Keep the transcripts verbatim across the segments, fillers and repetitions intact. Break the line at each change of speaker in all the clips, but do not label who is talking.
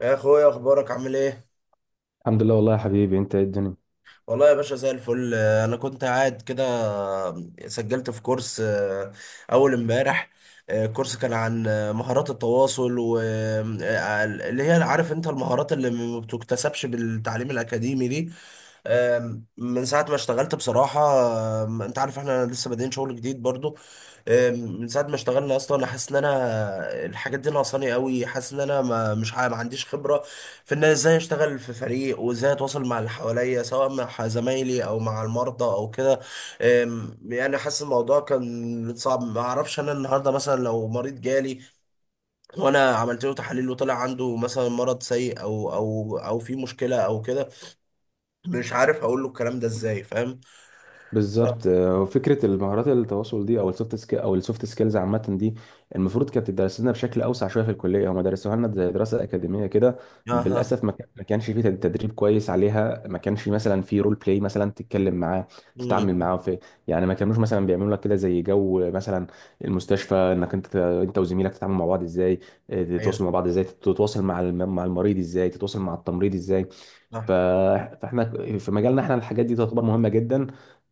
يا اخويا، اخبارك عامل ايه؟
الحمد لله والله يا حبيبي انت ايه الدنيا.
والله يا باشا زي الفل. آه، انا كنت قاعد كده. آه، سجلت في كورس آه، اول امبارح. آه، كورس كان عن آه، مهارات التواصل و آه، آه، اللي هي عارف انت المهارات اللي ما بتكتسبش بالتعليم الاكاديمي دي. آم، من ساعة ما اشتغلت بصراحة. آم، انت عارف احنا لسه بادئين شغل جديد برضو. آم، من ساعة ما اشتغلنا اصلا انا حاسس ان انا الحاجات دي ناقصاني قوي، حاسس ان انا ما مش ع- ما عنديش خبرة في ان ازاي اشتغل في فريق وازاي اتواصل مع اللي حواليا، سواء مع زمايلي او مع المرضى او كده. أم، يعني حاسس الموضوع كان صعب. ما اعرفش انا النهارده مثلا لو مريض جالي وانا عملت له تحاليل وطلع عنده مثلا مرض سيء او او او في مشكله او كده، مش عارف اقول له الكلام ده ازاي، فاهم؟
بالظبط، آه، وفكره المهارات التواصل دي او السوفت سكيل او السوفت سكيلز عامه دي المفروض كانت تدرس لنا بشكل اوسع شويه في الكليه. هم درسوها لنا زي دراسه اكاديميه كده.
اها.
بالاسف ما كان- ما كانش فيه تدريب كويس عليها. ما كانش مثلا في رول بلاي مثلا تتكلم معاه تتعامل
مم.
معاه في، يعني ما كانوش مثلا بيعملوا لك كده زي جو مثلا المستشفى، انك انت انت وزميلك تتعاملوا مع بعض ازاي، آه،
ايوه،
تتواصلوا مع بعض ازاي، تتواصل مع الم- مع المريض ازاي، تتواصل مع التمريض ازاي.
صح.
ف- فاحنا في مجالنا احنا الحاجات دي تعتبر مهمه جدا.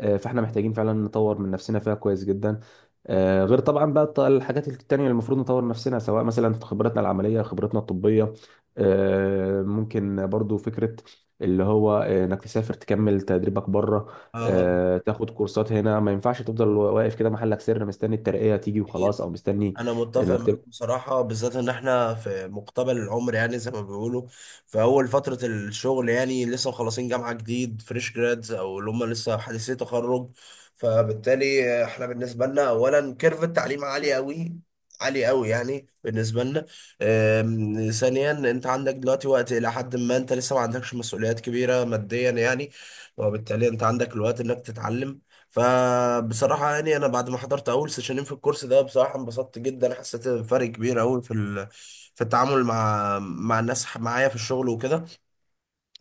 آه، فاحنا محتاجين فعلا نطور من نفسنا فيها كويس جدا. آه، غير طبعا بقى الط- الحاجات التانية اللي المفروض نطور نفسنا سواء مثلا في خبرتنا العملية خبرتنا الطبية. آه، ممكن برضو فكرة اللي هو، آه، انك تسافر تكمل تدريبك بره،
اها.
آه، تاخد كورسات هنا. ما ينفعش تفضل واقف كده محلك سر مستني الترقية تيجي وخلاص او مستني
انا متفق
انك
معاك
تبقى.
بصراحه، بالذات ان احنا في مقتبل العمر يعني زي ما بيقولوا، في اول فتره الشغل يعني، لسه مخلصين جامعه جديد، فريش جرادز او اللي هم لسه حديثي تخرج. فبالتالي احنا بالنسبه لنا اولا كيرف التعليم عالي قوي، عالي قوي يعني بالنسبه لنا. أم، ثانيا انت عندك دلوقتي وقت الى حد ما، انت لسه ما عندكش مسؤوليات كبيره ماديا يعني، وبالتالي انت عندك الوقت انك تتعلم. فبصراحة يعني أنا بعد ما حضرت أول سيشنين في الكورس ده بصراحة انبسطت جدا، حسيت بفرق كبير أوي في ال... في التعامل مع مع الناس معايا في الشغل وكده.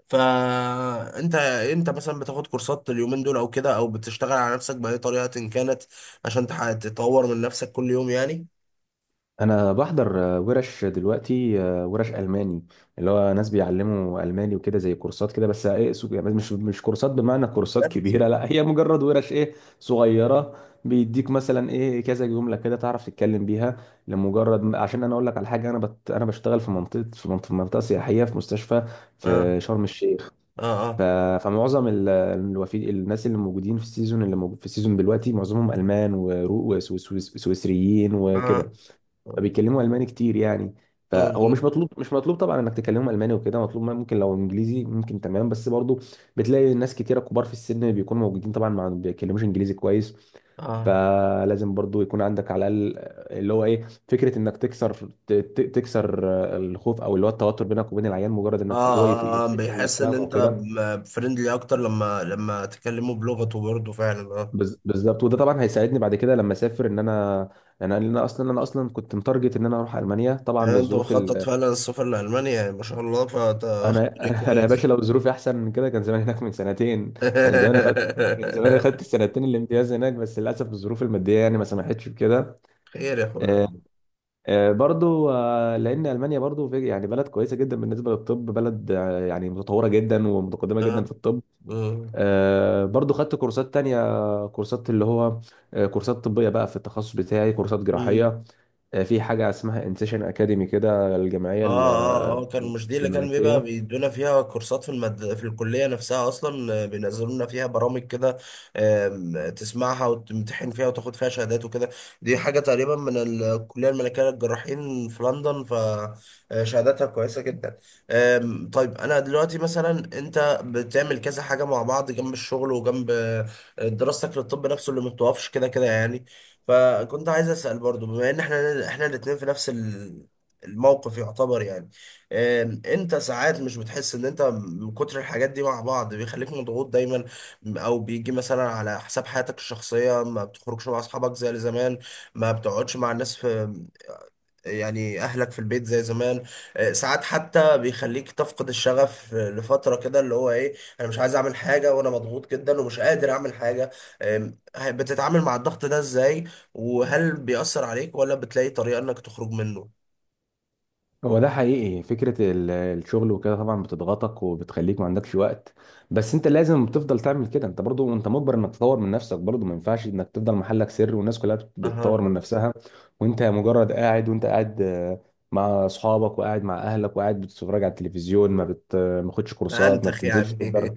فأنت، أنت مثلا بتاخد كورسات اليومين دول أو كده، أو بتشتغل على نفسك بأي طريقة إن كانت عشان تح- تطور من نفسك كل يوم يعني؟
انا بحضر آه، ورش دلوقتي، آه، ورش الماني، اللي هو ناس بيعلموا الماني وكده زي كورسات كده، بس آه، ايه سو- يعني مش مش كورسات بمعنى كورسات كبيره، لا هي مجرد ورش ايه صغيره. بيديك مثلا ايه كذا جمله كده تعرف تتكلم بيها، لمجرد عشان انا اقول لك على حاجه. انا بت... انا بشتغل في منطقه في منطقه, في منطقة سياحيه في مستشفى
اه،
في شرم الشيخ.
اه،
ف...
اه،
فمعظم ال... الوفي... الناس اللي موجودين في السيزون، اللي موجود في السيزون دلوقتي، معظمهم المان وسويسريين وكده.
اه،
فبيتكلموا الماني كتير يعني.
اه،
فهو
اه،
مش مطلوب مش مطلوب طبعا انك تكلمهم الماني وكده. مطلوب ممكن لو انجليزي ممكن تمام، بس برضو بتلاقي ناس كتيره كبار في السن بيكونوا موجودين طبعا ما بيتكلموش انجليزي كويس.
اه، اه.
فلازم برضو يكون عندك على الاقل اللي هو ايه فكره انك تكسر، ت- ت- تكسر الخوف او اللي هو التوتر بينك وبين العيان، مجرد انك ت- هو يف-
آه، آه،
يحس انك
بيحس ان
فاهمه
انت
وكده.
فريندلي اكتر لما لما تكلمه بلغته برضه فعلا آه.
بز- بالظبط، وده طبعا هيساعدني بعد كده لما اسافر. ان انا انا أنا اصلا انا اصلا كنت متارجت ان انا اروح المانيا طبعا
يعني انت
للظروف.
مخطط فعلا السفر لألمانيا يعني؟ ما شاء الله، فانت واخد طريق
انا انا يا
كويس.
باشا لو ظروفي احسن من كده كان زمان هناك من سنتين. كان زمان اخدت كان زمان اخدت السنتين الامتياز هناك، بس للاسف الظروف الماديه يعني ما سمحتش بكده.
خير يا
آه،
اخويا.
آه، برضو آه، لان المانيا برضو في يعني بلد كويسه جدا بالنسبه للطب، بلد آه، يعني متطوره جدا ومتقدمه جدا
اه.
في الطب.
آه.
آه، برضو خدت كورسات تانية، كورسات اللي هو آه، كورسات طبيه بقى في التخصص بتاعي، كورسات
مم.
جراحيه. آه، في حاجه اسمها انسيشن اكاديمي كده، الجمعيه
اه، اه،
ال-
هو كان مش دي اللي كان بيبقى
الملكيه.
بيدونا فيها كورسات في المد... في الكلية نفسها اصلا؟ آه، بينزلوا لنا فيها برامج كده، آم، تسمعها وتمتحن فيها وتاخد فيها شهادات وكده. دي حاجة تقريبا من الكلية الملكية للجراحين في لندن، فشهاداتها كويسة جدا. آم، طيب انا دلوقتي مثلا، انت بتعمل كذا حاجة مع بعض جنب الشغل وجنب آه، دراستك للطب نفسه اللي ما بتوقفش كده كده يعني. فكنت عايز اسال برضو بما ان احنا احنا الاثنين في نفس الموقف يعتبر يعني، آم، انت ساعات مش بتحس ان انت من كتر الحاجات دي مع بعض بيخليك مضغوط دايما، او بيجي مثلا على حساب حياتك الشخصية، ما بتخرجش مع اصحابك زي زمان، ما بتقعدش مع الناس في، يعني اهلك في البيت زي زمان. آه، ساعات حتى بيخليك تفقد الشغف لفترة كده اللي هو ايه، انا مش عايز اعمل حاجة وانا مضغوط جدا ومش قادر اعمل حاجة. آم، بتتعامل مع الضغط ده ازاي؟ وهل بيأثر عليك ولا بتلاقي طريقة انك تخرج منه؟
هو ده حقيقي فكرة ال- الشغل وكده طبعا بتضغطك وبتخليك ما عندكش وقت، بس انت لازم تفضل تعمل كده. انت برضو انت مجبر انك تطور من نفسك برضو. ما ينفعش انك تفضل محلك سر والناس كلها بت- بتطور
أها.
من نفسها، وانت مجرد قاعد، وانت قاعد آه، مع اصحابك وقاعد مع اهلك وقاعد بتتفرج على التلفزيون، ما بت ما بتاخدش
ما
كورسات ما
أنتخ
بتنزلش
يعني.
تتدرب.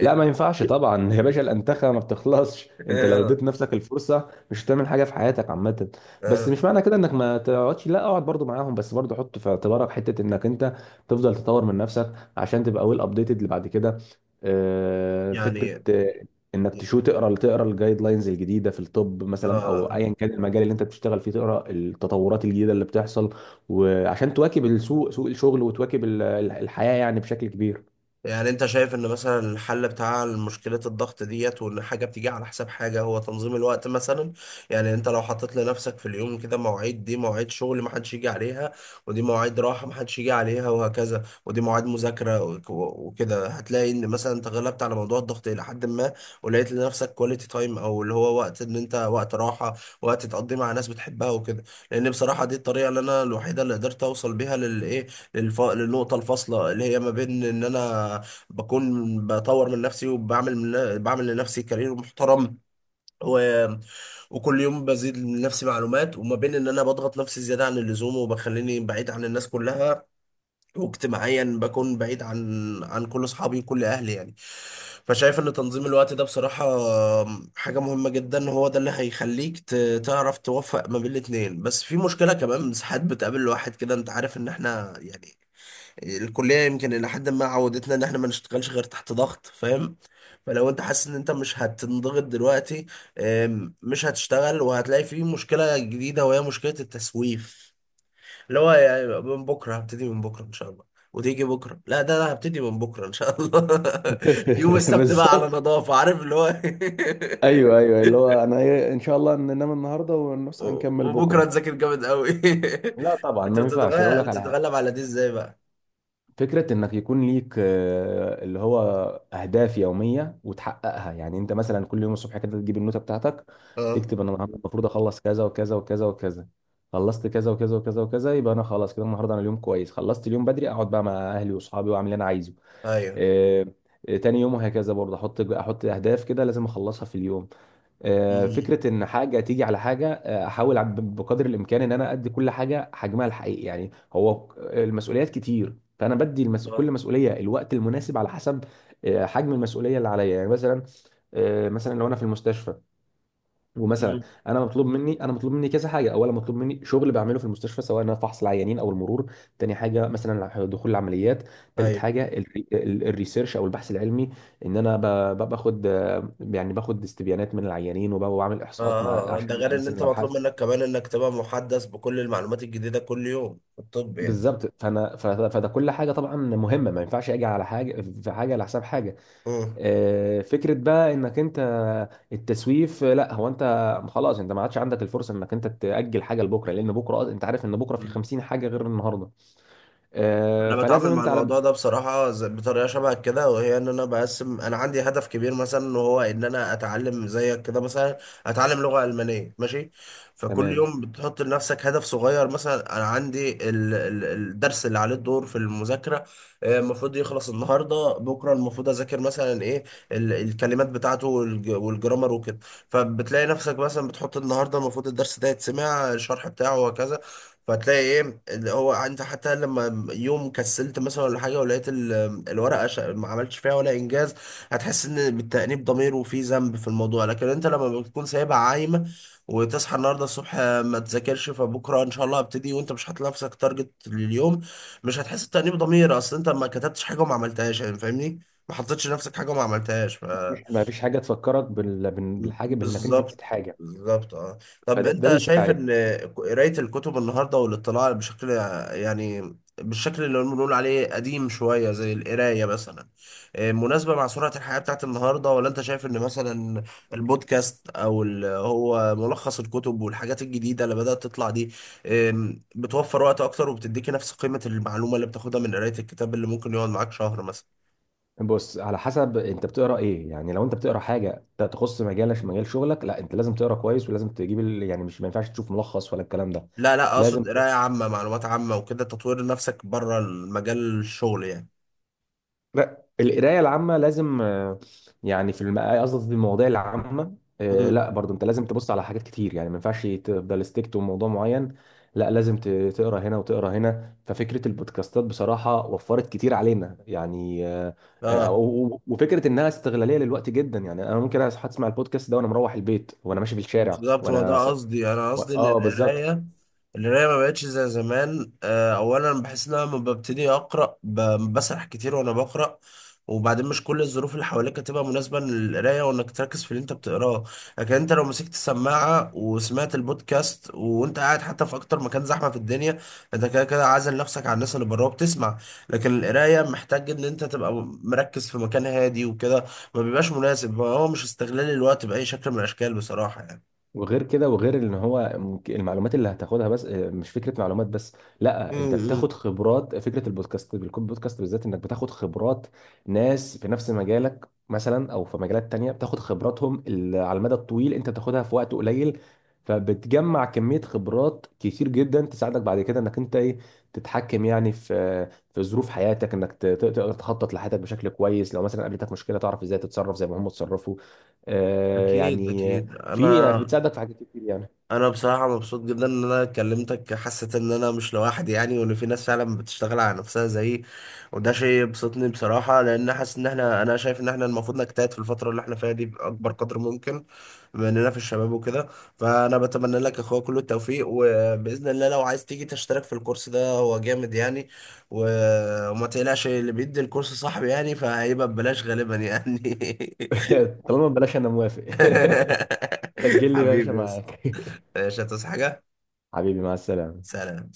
لا ما ينفعش طبعا يا باشا، الانتخه ما بتخلصش. انت لو
آه،
اديت نفسك الفرصه مش هتعمل حاجه في حياتك عامه. بس
آه،
مش معنى كده انك ما تقعدش، لا اقعد برضو معاهم، بس برضو حط في اعتبارك حته انك انت تفضل تطور من نفسك عشان تبقى ويل ابديتد اللي بعد كده. آه، فكره
يعني
آه، انك تشو تقرا تقرا الجايد لاينز الجديده في الطب مثلا او
آه.
ايا كان المجال اللي انت بتشتغل فيه، تقرا التطورات الجديده اللي بتحصل وعشان تواكب السوق، سوق الشغل، وتواكب ال- الحياه يعني بشكل كبير.
يعني انت شايف ان مثلا الحل بتاع مشكلة الضغط ديت، وان حاجة بتيجي على حساب حاجة، هو تنظيم الوقت مثلا؟ يعني انت لو حطيت لنفسك في اليوم كده مواعيد، دي مواعيد شغل محدش يجي عليها، ودي مواعيد راحة محدش يجي عليها، وهكذا، ودي مواعيد مذاكرة وك- وكده، هتلاقي ان مثلا انت غلبت على موضوع الضغط الى حد ما، ولقيت لنفسك كواليتي تايم او اللي هو وقت ان انت وقت راحة، وقت تقضيه مع ناس بتحبها وكده. لان بصراحة دي الطريقة اللي انا الوحيدة اللي قدرت اوصل بيها للايه، الف... للنقطة الفاصلة اللي هي ما بين إن أنا بكون بطور من نفسي وبعمل من... بعمل لنفسي كارير محترم، و... وكل يوم بزيد من نفسي معلومات، وما بين إن أنا بضغط نفسي زيادة عن اللزوم وبخليني بعيد عن الناس كلها، واجتماعيا بكون بعيد عن عن كل أصحابي وكل أهلي يعني. فشايف إن تنظيم الوقت ده بصراحة حاجة مهمة جدا، هو ده اللي هيخليك ت... تعرف توفق ما بين الاتنين. بس في مشكلة كمان ساعات بتقابل الواحد كده، أنت عارف إن إحنا يعني الكليه يمكن الى حد ما عودتنا ان احنا ما نشتغلش غير تحت ضغط، فاهم؟ فلو انت حاسس ان انت مش هتنضغط دلوقتي، آم، مش هتشتغل، وهتلاقي فيه مشكله جديده وهي مشكله التسويف، اللي هو يعني من بكره هبتدي، من بكره ان شاء الله، وتيجي بكره، لا ده انا هبتدي من بكره ان شاء الله. يوم السبت بقى على
بالظبط.
نظافه، عارف اللي هو.
ايوه ايوه اللي هو انا إيه، ان شاء الله ننام النهارده ونصحى نكمل
وبكره
بكره.
نذاكر جامد قوي.
لا طبعا
انت
ما ينفعش اقول
بتتغلب
لك على حاجه.
بتتغلب على دي ازاي بقى؟
فكره انك يكون ليك آه، اللي هو اهداف يوميه وتحققها. يعني انت مثلا كل يوم الصبح كده تجيب النوته بتاعتك،
اه.
تكتب انا النهارده المفروض اخلص كذا وكذا وكذا وكذا. خلصت كذا وكذا وكذا وكذا، يبقى انا خلاص كده النهارده انا اليوم كويس، خلصت اليوم بدري، اقعد بقى مع اهلي واصحابي واعمل اللي انا عايزه.
ايوه.
آه، آه، تاني يوم وهكذا، برضه احط احط اهداف كده لازم اخلصها في اليوم. آه،
مم.
فكره ان حاجه تيجي على حاجه، آه، احاول ب- بقدر الامكان ان انا ادي كل حاجه حجمها الحقيقي. يعني هو المسؤوليات كتير، فانا بدي المس...
آه.
كل مسؤوليه الوقت المناسب على حسب آه، حجم المسؤوليه اللي عليا. يعني مثلا آه، مثلا لو انا في المستشفى ومثلا،
مم.
انا مطلوب مني انا مطلوب مني كذا حاجه. اولا مطلوب مني شغل بعمله في المستشفى سواء انا فحص العيانين او المرور. تاني حاجه مثلا دخول العمليات. تالت
ايوه.
حاجه الري- ال- الريسيرش او البحث العلمي، ان انا ب- ب- باخد آه، يعني باخد استبيانات من العيانين وب- وبعمل
اه،
احصاءات مع
اه. آه. ده
عشان
غير ان
الاماكن
انت مطلوب
الابحاث.
منك كمان انك تبقى محدث بكل المعلومات الجديدة كل يوم في الطب يعني.
بالظبط، فانا ف- فده كل حاجه طبعا مهمه، ما ينفعش اجي على حاجه في حاجه على حساب حاجه. آه، فكرة بقى انك انت التسويف، آه، لا هو انت خلاص انت ما عادش عندك الفرصة انك انت تأجل حاجة لبكرة، لان بكرة أص- انت عارف ان بكرة في
مم.
خمسين حاجة غير النهاردة. آه،
انا بتعامل
فلازم
مع
انت على
الموضوع ده بصراحه ز- بطريقه شبه كده، وهي ان انا بقسم، انا عندي هدف كبير مثلا وهو ان انا اتعلم زيك كده مثلا، اتعلم لغه المانيه، ماشي. فكل
تمام.
يوم بتحط لنفسك هدف صغير، مثلا انا عندي ال- ال- الدرس اللي عليه الدور في المذاكره، آه، المفروض يخلص النهارده، بكره المفروض اذاكر مثلا ايه، ال- الكلمات بتاعته والج- والجرامر وكده. فبتلاقي نفسك مثلا بتحط النهارده المفروض الدرس ده يتسمع الشرح بتاعه وكذا. فتلاقي ايه اللي هو، انت حتى لما يوم كسلت مثلا ولا حاجه، ولقيت ال- الورقه ش- ما عملتش فيها ولا انجاز، هتحس ان بالتأنيب ضمير وفي ذنب في الموضوع. لكن انت لما بتكون سايبها عايمه وتصحى النهارده الصبح ما تذاكرش، فبكره ان شاء الله هبتدي، وانت مش حاطط لنفسك تارجت لليوم، مش هتحس بتأنيب ضمير، اصل انت ما كتبتش حاجه وما عملتهاش يعني، فاهمني؟ ما حطيتش لنفسك حاجه وما عملتهاش.
مفيش- ما فيش حاجة تفكرك بال- بال- بالحاجة بانك انت نسيت
بالظبط.
حاجة،
بالظبط، اه. طب
فده ده
انت شايف
بيساعد.
ان قراية الكتب النهارده والاطلاع بشكل، يعني بالشكل اللي بنقول عليه قديم شوية زي القراية مثلا، آه، مناسبة مع سرعة الحياة بتاعت النهارده؟ ولا انت شايف ان مثلا البودكاست، او اللي هو ملخص الكتب والحاجات الجديدة اللي بدأت تطلع دي، آم، بتوفر وقت اكتر وبتديكي نفس قيمة المعلومة اللي بتاخدها من قراية الكتاب اللي ممكن يقعد معاك شهر مثلا؟
بص على حسب انت بتقرا ايه. يعني لو انت بتقرا حاجه ت- تخص مجالك مجال شغلك، لا انت لازم تقرا كويس ولازم تجيب ال... يعني مش، ما ينفعش تشوف ملخص ولا الكلام ده.
لا، لا،
لازم،
اقصد قرايه عامه، معلومات عامه وكده، تطوير نفسك بره المجال الشغل يعني.
لا القرايه العامه لازم آه، يعني في الم- قصدي في المواضيع العامه، آه،
مم.
لا برضو انت لازم تبص على حاجات كتير. يعني ما ينفعش تفضل ستيك تو موضوع معين، لا لازم ت- تقرا هنا وتقرا هنا. ففكره البودكاستات بصراحه وفرت كتير علينا يعني. آه، آه،
اه،
و- و- وفكره انها استغلاليه للوقت جدا، يعني انا ممكن أس- اسمع البودكاست ده وانا مروح البيت وانا ماشي في الشارع
بالظبط، هو ده
وانا س...
قصدي. يعني انا
و،
قصدي ان
اه بالظبط.
القرايه، القرايه ما بقتش زي زمان. آه، اولا بحس ان انا لما ببتدي اقرا ب- بسرح كتير وانا بقرا، وبعدين مش كل الظروف اللي حواليك هتبقى مناسبه للقرايه وانك تركز في اللي انت بتقراه. لكن انت لو مسكت السماعه وسمعت البودكاست وانت قاعد حتى في اكتر مكان زحمه في الدنيا، انت كده كده عازل نفسك عن الناس اللي بره وبتسمع. لكن القرايه محتاج ان انت تبقى مركز في مكان هادي وكده، ما بيبقاش مناسب، هو مش استغلال الوقت باي شكل من الاشكال بصراحه يعني.
وغير كده، وغير ان هو ممك- المعلومات اللي هتاخدها بس آه، مش فكره معلومات بس، لا انت
امم.
بتاخد خبرات. فكره البودكاست بالكود بودكاست بالذات انك بتاخد خبرات ناس في نفس مجالك مثلا او في مجالات تانية، بتاخد خبراتهم ال- على المدى الطويل انت بتاخدها في وقت قليل. فبتجمع كميه خبرات كتير جدا تساعدك بعد كده انك انت ايه تتحكم يعني في، في ظروف حياتك، انك ت- تقدر تخطط لحياتك بشكل كويس. لو مثلا قابلتك مشكله تعرف ازاي تتصرف زي ما هم اتصرفوا. آه،
اكيد،
يعني
اكيد.
في،
انا
بتساعدك في حاجات كتير يعني.
انا بصراحه مبسوط جدا ان انا كلمتك، حسيت ان انا مش لوحدي يعني، وان في ناس فعلا بتشتغل على نفسها زيي، وده شيء يبسطني بصراحه، لان حاسس ان احنا، انا شايف ان احنا المفروض نجتهد في الفتره اللي احنا فيها دي باكبر قدر ممكن، بما اننا في الشباب وكده. فانا بتمنى لك يا اخويا كل التوفيق، وباذن الله لو عايز تيجي تشترك في الكورس ده هو جامد يعني، و- وما تقلقش اللي بيدي الكورس صاحبي يعني، فهيبقى ببلاش غالبا يعني.
طالما ببلاش انا موافق.
حبيبي،
سجل لي يا باشا
حبيبي يا اسطى.
معاك.
مش هتصحى حاجة.
حبيبي مع السلامة.
سلام.